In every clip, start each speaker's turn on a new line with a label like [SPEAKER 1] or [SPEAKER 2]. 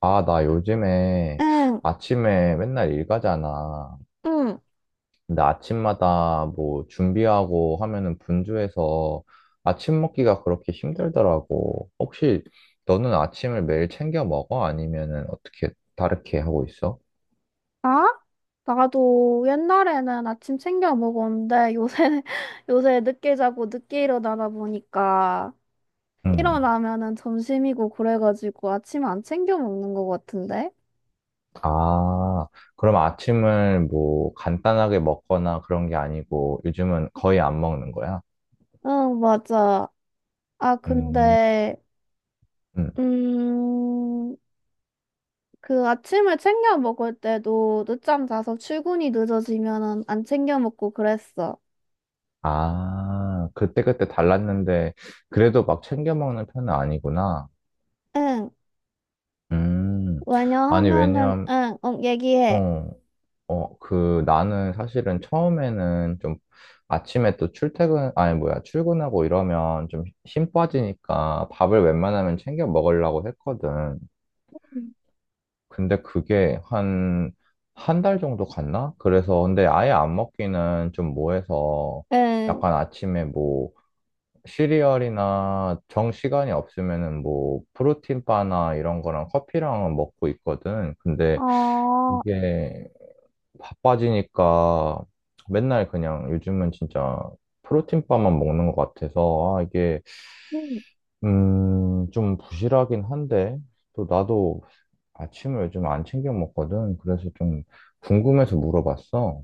[SPEAKER 1] 아, 나 요즘에
[SPEAKER 2] 응,
[SPEAKER 1] 아침에 맨날 일 가잖아.
[SPEAKER 2] 응.
[SPEAKER 1] 근데 아침마다 뭐 준비하고 하면은 분주해서 아침 먹기가 그렇게 힘들더라고. 혹시 너는 아침을 매일 챙겨 먹어? 아니면은 어떻게 다르게 하고 있어?
[SPEAKER 2] 아? 나도 옛날에는 아침 챙겨 먹었는데 요새 요새 늦게 자고 늦게 일어나다 보니까
[SPEAKER 1] 음.
[SPEAKER 2] 일어나면은 점심이고 그래가지고 아침 안 챙겨 먹는 것 같은데?
[SPEAKER 1] 아, 그럼 아침을 뭐 간단하게 먹거나 그런 게 아니고 요즘은 거의 안 먹는 거야?
[SPEAKER 2] 응, 맞아. 아,
[SPEAKER 1] 음.
[SPEAKER 2] 근데
[SPEAKER 1] 음.
[SPEAKER 2] 음, 그 아침을 챙겨 먹을 때도 늦잠 자서 출근이 늦어지면은 안 챙겨 먹고 그랬어.
[SPEAKER 1] 아, 그때그때 달랐는데 그래도 막 챙겨 먹는 편은 아니구나.
[SPEAKER 2] 응.
[SPEAKER 1] 음, 아니,
[SPEAKER 2] 왜냐하면은
[SPEAKER 1] 왜냐면,
[SPEAKER 2] 응, 응, 얘기해.
[SPEAKER 1] 어, 나는 사실은 처음에는 좀 아침에 또 출퇴근, 아니, 뭐야, 출근하고 이러면 좀 힘 빠지니까 밥을 웬만하면 챙겨 먹으려고 했거든. 근데 그게 한 달 정도 갔나? 그래서, 근데 아예 안 먹기는 좀 뭐해서
[SPEAKER 2] 응.
[SPEAKER 1] 약간 아침에 뭐, 시리얼이나 정 시간이 없으면은 뭐, 프로틴바나 이런 거랑 커피랑은 먹고 있거든. 근데
[SPEAKER 2] 아,
[SPEAKER 1] 이게 바빠지니까 맨날 그냥 요즘은 진짜 프로틴바만 먹는 것 같아서. 이게
[SPEAKER 2] 음,
[SPEAKER 1] 음 좀 부실하긴 한데, 또 나도 아침을 요즘 안 챙겨 먹거든. 그래서 좀 궁금해서 물어봤어.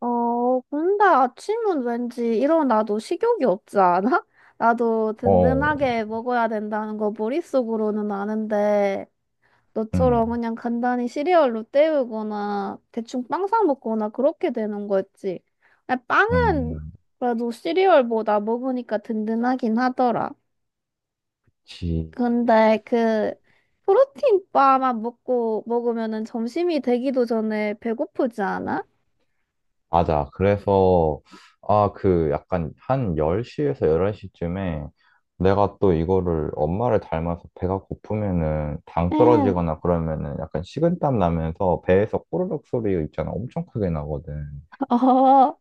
[SPEAKER 2] 근데 아침은 왠지 일어나도 식욕이 없지 않아? 나도
[SPEAKER 1] 어
[SPEAKER 2] 든든하게 먹어야 된다는 거 머릿속으로는 아는데,
[SPEAKER 1] 음
[SPEAKER 2] 너처럼 그냥 간단히 시리얼로 때우거나, 대충 빵사 먹거나 그렇게 되는 거였지. 근데 빵은
[SPEAKER 1] 음
[SPEAKER 2] 그래도 시리얼보다 먹으니까 든든하긴 하더라. 근데 그, 프로틴 바만 먹고 먹으면은 점심이 되기도 전에 배고프지 않아?
[SPEAKER 1] 맞아. 그래서, 아, 약간 한 10시에서 11시쯤에, 내가 또 이거를 엄마를 닮아서 배가 고프면은 당
[SPEAKER 2] 응.
[SPEAKER 1] 떨어지거나 그러면은 약간 식은땀 나면서 배에서 꼬르륵 소리 있잖아. 엄청 크게 나거든.
[SPEAKER 2] 어,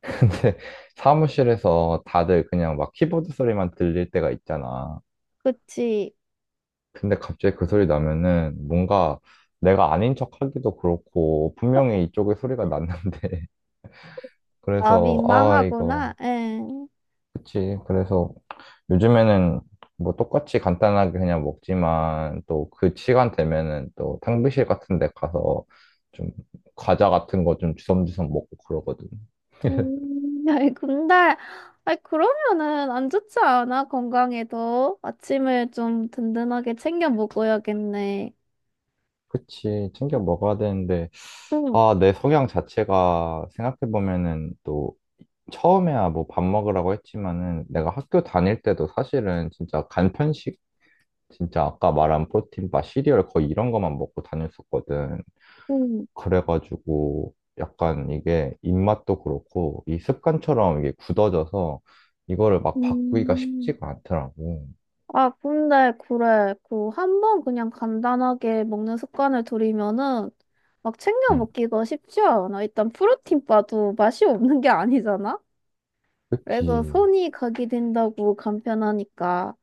[SPEAKER 1] 근데 사무실에서 다들 그냥 막 키보드 소리만 들릴 때가 있잖아.
[SPEAKER 2] 그치.
[SPEAKER 1] 근데 갑자기 그 소리 나면은 뭔가 내가 아닌 척 하기도 그렇고, 분명히 이쪽에 소리가 났는데
[SPEAKER 2] 아,
[SPEAKER 1] 그래서 아 이거.
[SPEAKER 2] 민망하구나. 응.
[SPEAKER 1] 그치. 그래서 요즘에는 뭐 똑같이 간단하게 그냥 먹지만, 또 그 시간 되면은 또 탕비실 같은 데 가서 좀 과자 같은 거 좀 주섬주섬 먹고 그러거든.
[SPEAKER 2] 아이, 근데, 아이, 그러면은 안 좋지 않아? 건강에도. 아침을 좀 든든하게 챙겨 먹어야겠네.
[SPEAKER 1] 그치. 챙겨 먹어야 되는데,
[SPEAKER 2] 응,
[SPEAKER 1] 아, 내 성향 자체가 생각해보면은, 또 처음에야 뭐 밥 먹으라고 했지만은 내가 학교 다닐 때도 사실은 진짜 간편식, 진짜 아까 말한 프로틴바, 시리얼 거의 이런 거만 먹고 다녔었거든.
[SPEAKER 2] 응,
[SPEAKER 1] 그래가지고 약간 이게 입맛도 그렇고 이 습관처럼 이게 굳어져서 이거를 막 바꾸기가
[SPEAKER 2] 음.
[SPEAKER 1] 쉽지가 않더라고.
[SPEAKER 2] 아, 근데, 그래. 그, 한 번 그냥 간단하게 먹는 습관을 들이면은 막 챙겨
[SPEAKER 1] 응,
[SPEAKER 2] 먹기가 쉽지 않아. 일단 프로틴바도 맛이 없는 게 아니잖아? 그래서
[SPEAKER 1] 그치.
[SPEAKER 2] 손이 가게 된다고 간편하니까.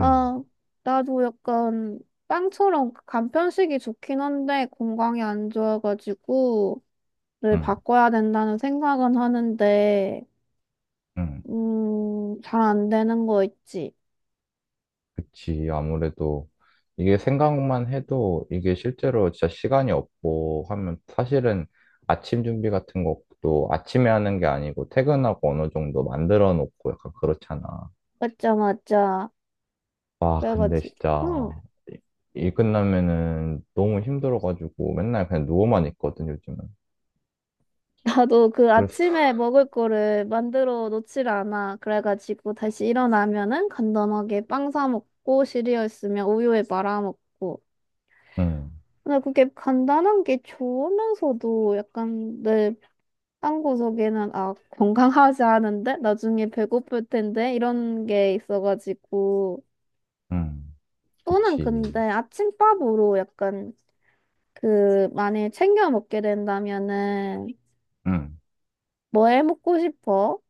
[SPEAKER 1] 응,
[SPEAKER 2] 나도 약간 빵처럼 그 간편식이 좋긴 한데 건강에 안 좋아가지고 를
[SPEAKER 1] 응,
[SPEAKER 2] 바꿔야 된다는 생각은 하는데
[SPEAKER 1] 응,
[SPEAKER 2] 잘 안 되는 거 있지.
[SPEAKER 1] 그치. 아무래도 이게, 생각만 해도 이게 실제로 진짜 시간이 없고 하면 사실은 아침 준비 같은 것도 아침에 하는 게 아니고 퇴근하고 어느 정도 만들어 놓고 약간 그렇잖아.
[SPEAKER 2] 맞자, 맞자.
[SPEAKER 1] 와, 근데
[SPEAKER 2] 그래가지고
[SPEAKER 1] 진짜
[SPEAKER 2] 응.
[SPEAKER 1] 일 끝나면은 너무 힘들어가지고 맨날 그냥 누워만 있거든, 요즘은.
[SPEAKER 2] 나도 그
[SPEAKER 1] 그래서,
[SPEAKER 2] 아침에 먹을 거를 만들어 놓질 않아. 그래가지고 다시 일어나면은 간단하게 빵 사 먹고 시리얼 있으면 우유에 말아 먹고
[SPEAKER 1] 음,
[SPEAKER 2] 근데 그게 간단한 게 좋으면서도 약간 내 딴 구석에는 아 건강하지 않은데 나중에 배고플 텐데 이런 게 있어가지고
[SPEAKER 1] 음,
[SPEAKER 2] 또는 근데
[SPEAKER 1] 그치.
[SPEAKER 2] 아침밥으로 약간 그 만약에 챙겨 먹게 된다면은
[SPEAKER 1] 음,
[SPEAKER 2] 뭐 해 먹고 싶어?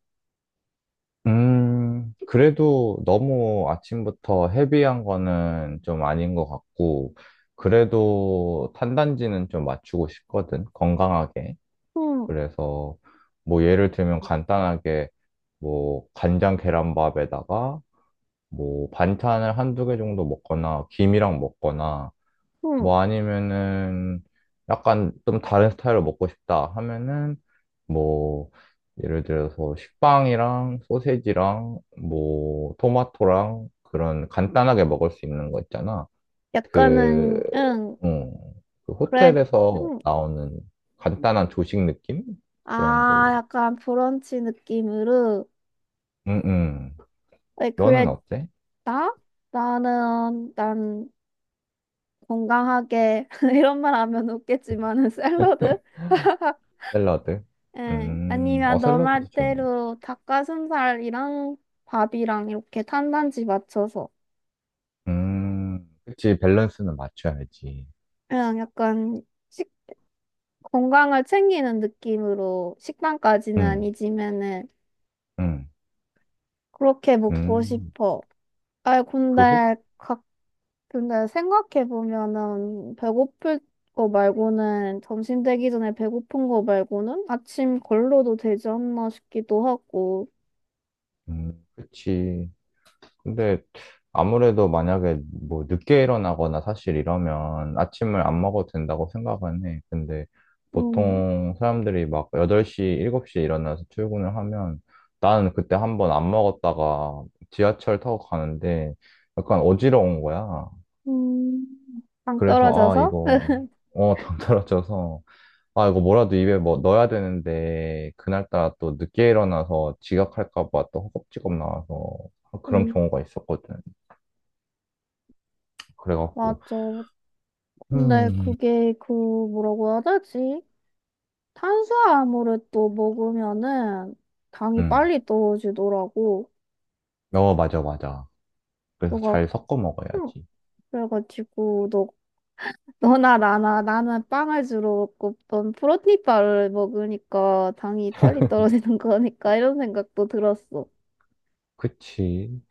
[SPEAKER 1] 그래도 너무 아침부터 헤비한 거는 좀 아닌 것 같고, 그래도 탄단지는 좀 맞추고 싶거든, 건강하게.
[SPEAKER 2] 음,
[SPEAKER 1] 그래서 뭐 예를 들면 간단하게, 뭐 간장 계란밥에다가 뭐 반찬을 한두 개 정도 먹거나 김이랑 먹거나,
[SPEAKER 2] 음.
[SPEAKER 1] 뭐 아니면은 약간 좀 다른 스타일로 먹고 싶다 하면은 뭐 예를 들어서 식빵이랑 소세지랑 뭐 토마토랑, 그런 간단하게 먹을 수 있는 거 있잖아. 그,
[SPEAKER 2] 약간은 응
[SPEAKER 1] 음, 그
[SPEAKER 2] 그래
[SPEAKER 1] 호텔에서
[SPEAKER 2] 음.
[SPEAKER 1] 나오는 간단한 조식 느낌? 그런 걸로.
[SPEAKER 2] 아 약간 브런치 느낌으로
[SPEAKER 1] 음, 음.
[SPEAKER 2] 왜 그래
[SPEAKER 1] 너는 어때?
[SPEAKER 2] 나? 나는 난 건강하게 이런 말 하면 웃겠지만은 샐러드?
[SPEAKER 1] 샐러드?
[SPEAKER 2] 예, 아니면 너
[SPEAKER 1] 샐러드도 좋네.
[SPEAKER 2] 말대로 닭가슴살이랑 밥이랑 이렇게 탄단지 맞춰서
[SPEAKER 1] 그치, 밸런스는 맞춰야지.
[SPEAKER 2] 그냥 약간 식, 건강을 챙기는 느낌으로 식단까지는
[SPEAKER 1] 응,
[SPEAKER 2] 아니지만은
[SPEAKER 1] 응,
[SPEAKER 2] 그렇게 먹고
[SPEAKER 1] 응.
[SPEAKER 2] 싶어. 아,
[SPEAKER 1] 그 혹?
[SPEAKER 2] 근데 각 근데 생각해 보면은 배고플 거 말고는 점심 되기 전에 배고픈 거 말고는 아침 걸러도 되지 않나 싶기도 하고.
[SPEAKER 1] 그치. 근데 아무래도 만약에 뭐 늦게 일어나거나, 사실 이러면 아침을 안 먹어도 된다고 생각은 해. 근데
[SPEAKER 2] 음,
[SPEAKER 1] 보통 사람들이 막 8시, 7시에 일어나서 출근을 하면, 나는 그때 한번 안 먹었다가 지하철 타고 가는데 약간 어지러운 거야.
[SPEAKER 2] 음, 당
[SPEAKER 1] 그래서 아,
[SPEAKER 2] 떨어져서.
[SPEAKER 1] 이거, 어, 당 떨어져서. 아, 이거 뭐라도 입에 뭐 넣어야 되는데, 그날따라 또 늦게 일어나서 지각할까 봐 또 허겁지겁 나와서, 아, 그런
[SPEAKER 2] 응
[SPEAKER 1] 경우가 있었거든.
[SPEAKER 2] 맞아.
[SPEAKER 1] 그래갖고,
[SPEAKER 2] 근데
[SPEAKER 1] 음,
[SPEAKER 2] 그게 그 뭐라고 해야 되지? 탄수화물을 또 먹으면은 당이
[SPEAKER 1] 음,
[SPEAKER 2] 빨리 떨어지더라고.
[SPEAKER 1] 어, 맞아, 맞아. 그래서
[SPEAKER 2] 너가
[SPEAKER 1] 잘 섞어
[SPEAKER 2] 응.
[SPEAKER 1] 먹어야지.
[SPEAKER 2] 그래가지고 너 너나 나나 나는 빵을 주로 먹고 넌 프로틴바를 먹으니까 당이 빨리 떨어지는 거니까 이런 생각도 들었어.
[SPEAKER 1] 그치.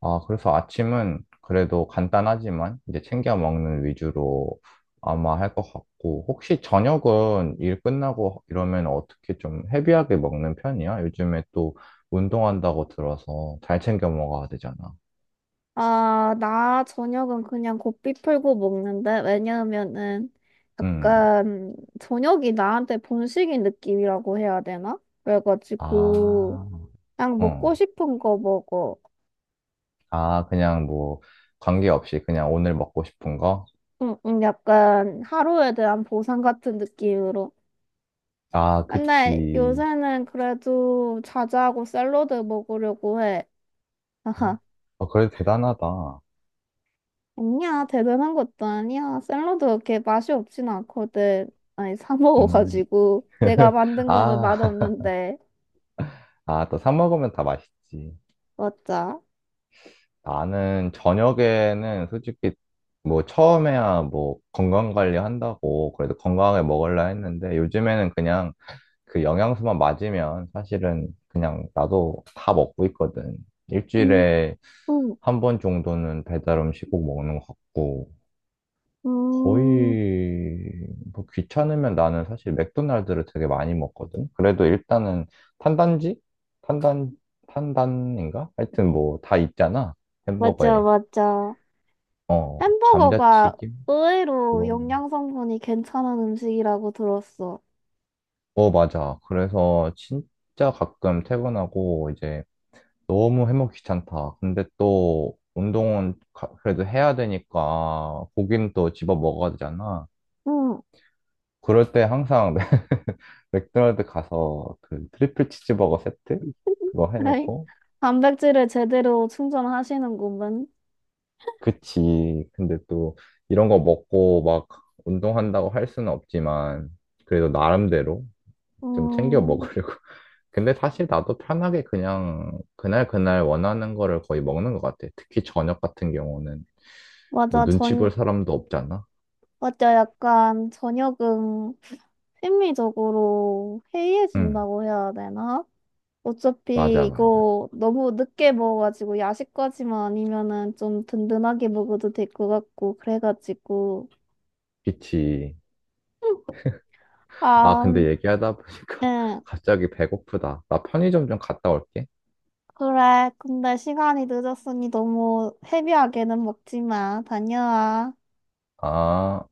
[SPEAKER 1] 아, 그래서 아침은 그래도 간단하지만 이제 챙겨 먹는 위주로 아마 할 것 같고, 혹시 저녁은 일 끝나고 이러면 어떻게 좀 헤비하게 먹는 편이야? 요즘에 또 운동한다고 들어서 잘 챙겨 먹어야 되잖아.
[SPEAKER 2] 아, 나 저녁은 그냥 고삐 풀고 먹는데 왜냐하면은
[SPEAKER 1] 음.
[SPEAKER 2] 약간 저녁이 나한테 본식인 느낌이라고 해야 되나?
[SPEAKER 1] 아,
[SPEAKER 2] 그래가지고 그냥
[SPEAKER 1] 어.
[SPEAKER 2] 먹고 싶은 거 먹어.
[SPEAKER 1] 아, 그냥 뭐 관계없이 그냥 오늘 먹고 싶은 거?
[SPEAKER 2] 응, 응, 약간 하루에 대한 보상 같은 느낌으로.
[SPEAKER 1] 아,
[SPEAKER 2] 근데
[SPEAKER 1] 그치.
[SPEAKER 2] 요새는 그래도 자자하고 샐러드 먹으려고 해. 아하.
[SPEAKER 1] 아, 그래도 대단하다.
[SPEAKER 2] 아니야, 대단한 것도 아니야. 샐러드 그렇게 맛이 없진 않거든. 아니, 사
[SPEAKER 1] 음.
[SPEAKER 2] 먹어가지고. 내가 만든 거는
[SPEAKER 1] 아,
[SPEAKER 2] 맛없는데.
[SPEAKER 1] 아, 또 사 먹으면 다 맛있지.
[SPEAKER 2] 맞아.
[SPEAKER 1] 나는 저녁에는 솔직히, 뭐 처음에야 뭐 건강 관리 한다고 그래도 건강하게 먹으려 했는데, 요즘에는 그냥 그 영양소만 맞으면 사실은 그냥 나도 다 먹고 있거든.
[SPEAKER 2] 음,
[SPEAKER 1] 일주일에
[SPEAKER 2] 음,
[SPEAKER 1] 한 번 정도는 배달 음식 꼭 먹는 것 같고,
[SPEAKER 2] 음,
[SPEAKER 1] 거의 뭐 귀찮으면 나는 사실 맥도날드를 되게 많이 먹거든. 그래도 일단은 탄단지? 탄단, 탄단인가? 하여튼 뭐 다 있잖아,
[SPEAKER 2] 맞아,
[SPEAKER 1] 햄버거에.
[SPEAKER 2] 맞아.
[SPEAKER 1] 어,
[SPEAKER 2] 햄버거가
[SPEAKER 1] 감자튀김?
[SPEAKER 2] 의외로
[SPEAKER 1] 그거.
[SPEAKER 2] 영양 성분이 괜찮은 음식이라고 들었어.
[SPEAKER 1] 어, 맞아. 그래서 진짜 가끔 퇴근하고 이제 너무 해먹기 귀찮다. 근데 또 운동은 그래도 해야 되니까 고기는 또 집어 먹어야 되잖아.
[SPEAKER 2] 응.
[SPEAKER 1] 그럴 때 항상 맥도날드 가서 그 트리플 치즈버거 세트 그거
[SPEAKER 2] 에이,
[SPEAKER 1] 해놓고.
[SPEAKER 2] 단백질을 제대로 충전하시는구먼.
[SPEAKER 1] 그치. 근데 또 이런 거 먹고 막 운동한다고 할 수는 없지만 그래도 나름대로 좀 챙겨
[SPEAKER 2] 음,
[SPEAKER 1] 먹으려고 근데 사실 나도 편하게 그냥 그날 그날 원하는 거를 거의 먹는 것 같아, 특히 저녁 같은 경우는. 뭐
[SPEAKER 2] 맞아.
[SPEAKER 1] 눈치 볼 사람도 없잖아.
[SPEAKER 2] 맞아. 약간 저녁은 심리적으로
[SPEAKER 1] 응,
[SPEAKER 2] 해이해진다고 해야 되나? 어차피
[SPEAKER 1] 맞아, 맞아,
[SPEAKER 2] 이거 너무 늦게 먹어가지고 야식까지만 아니면은 좀 든든하게 먹어도 될 것 같고, 그래가지고.
[SPEAKER 1] 그치. 아,
[SPEAKER 2] 아,
[SPEAKER 1] 근데 얘기하다 보니까
[SPEAKER 2] 응.
[SPEAKER 1] 갑자기 배고프다. 나 편의점 좀 갔다 올게.
[SPEAKER 2] 그래. 근데 시간이 늦었으니 너무 헤비하게는 먹지 마. 다녀와.
[SPEAKER 1] 아,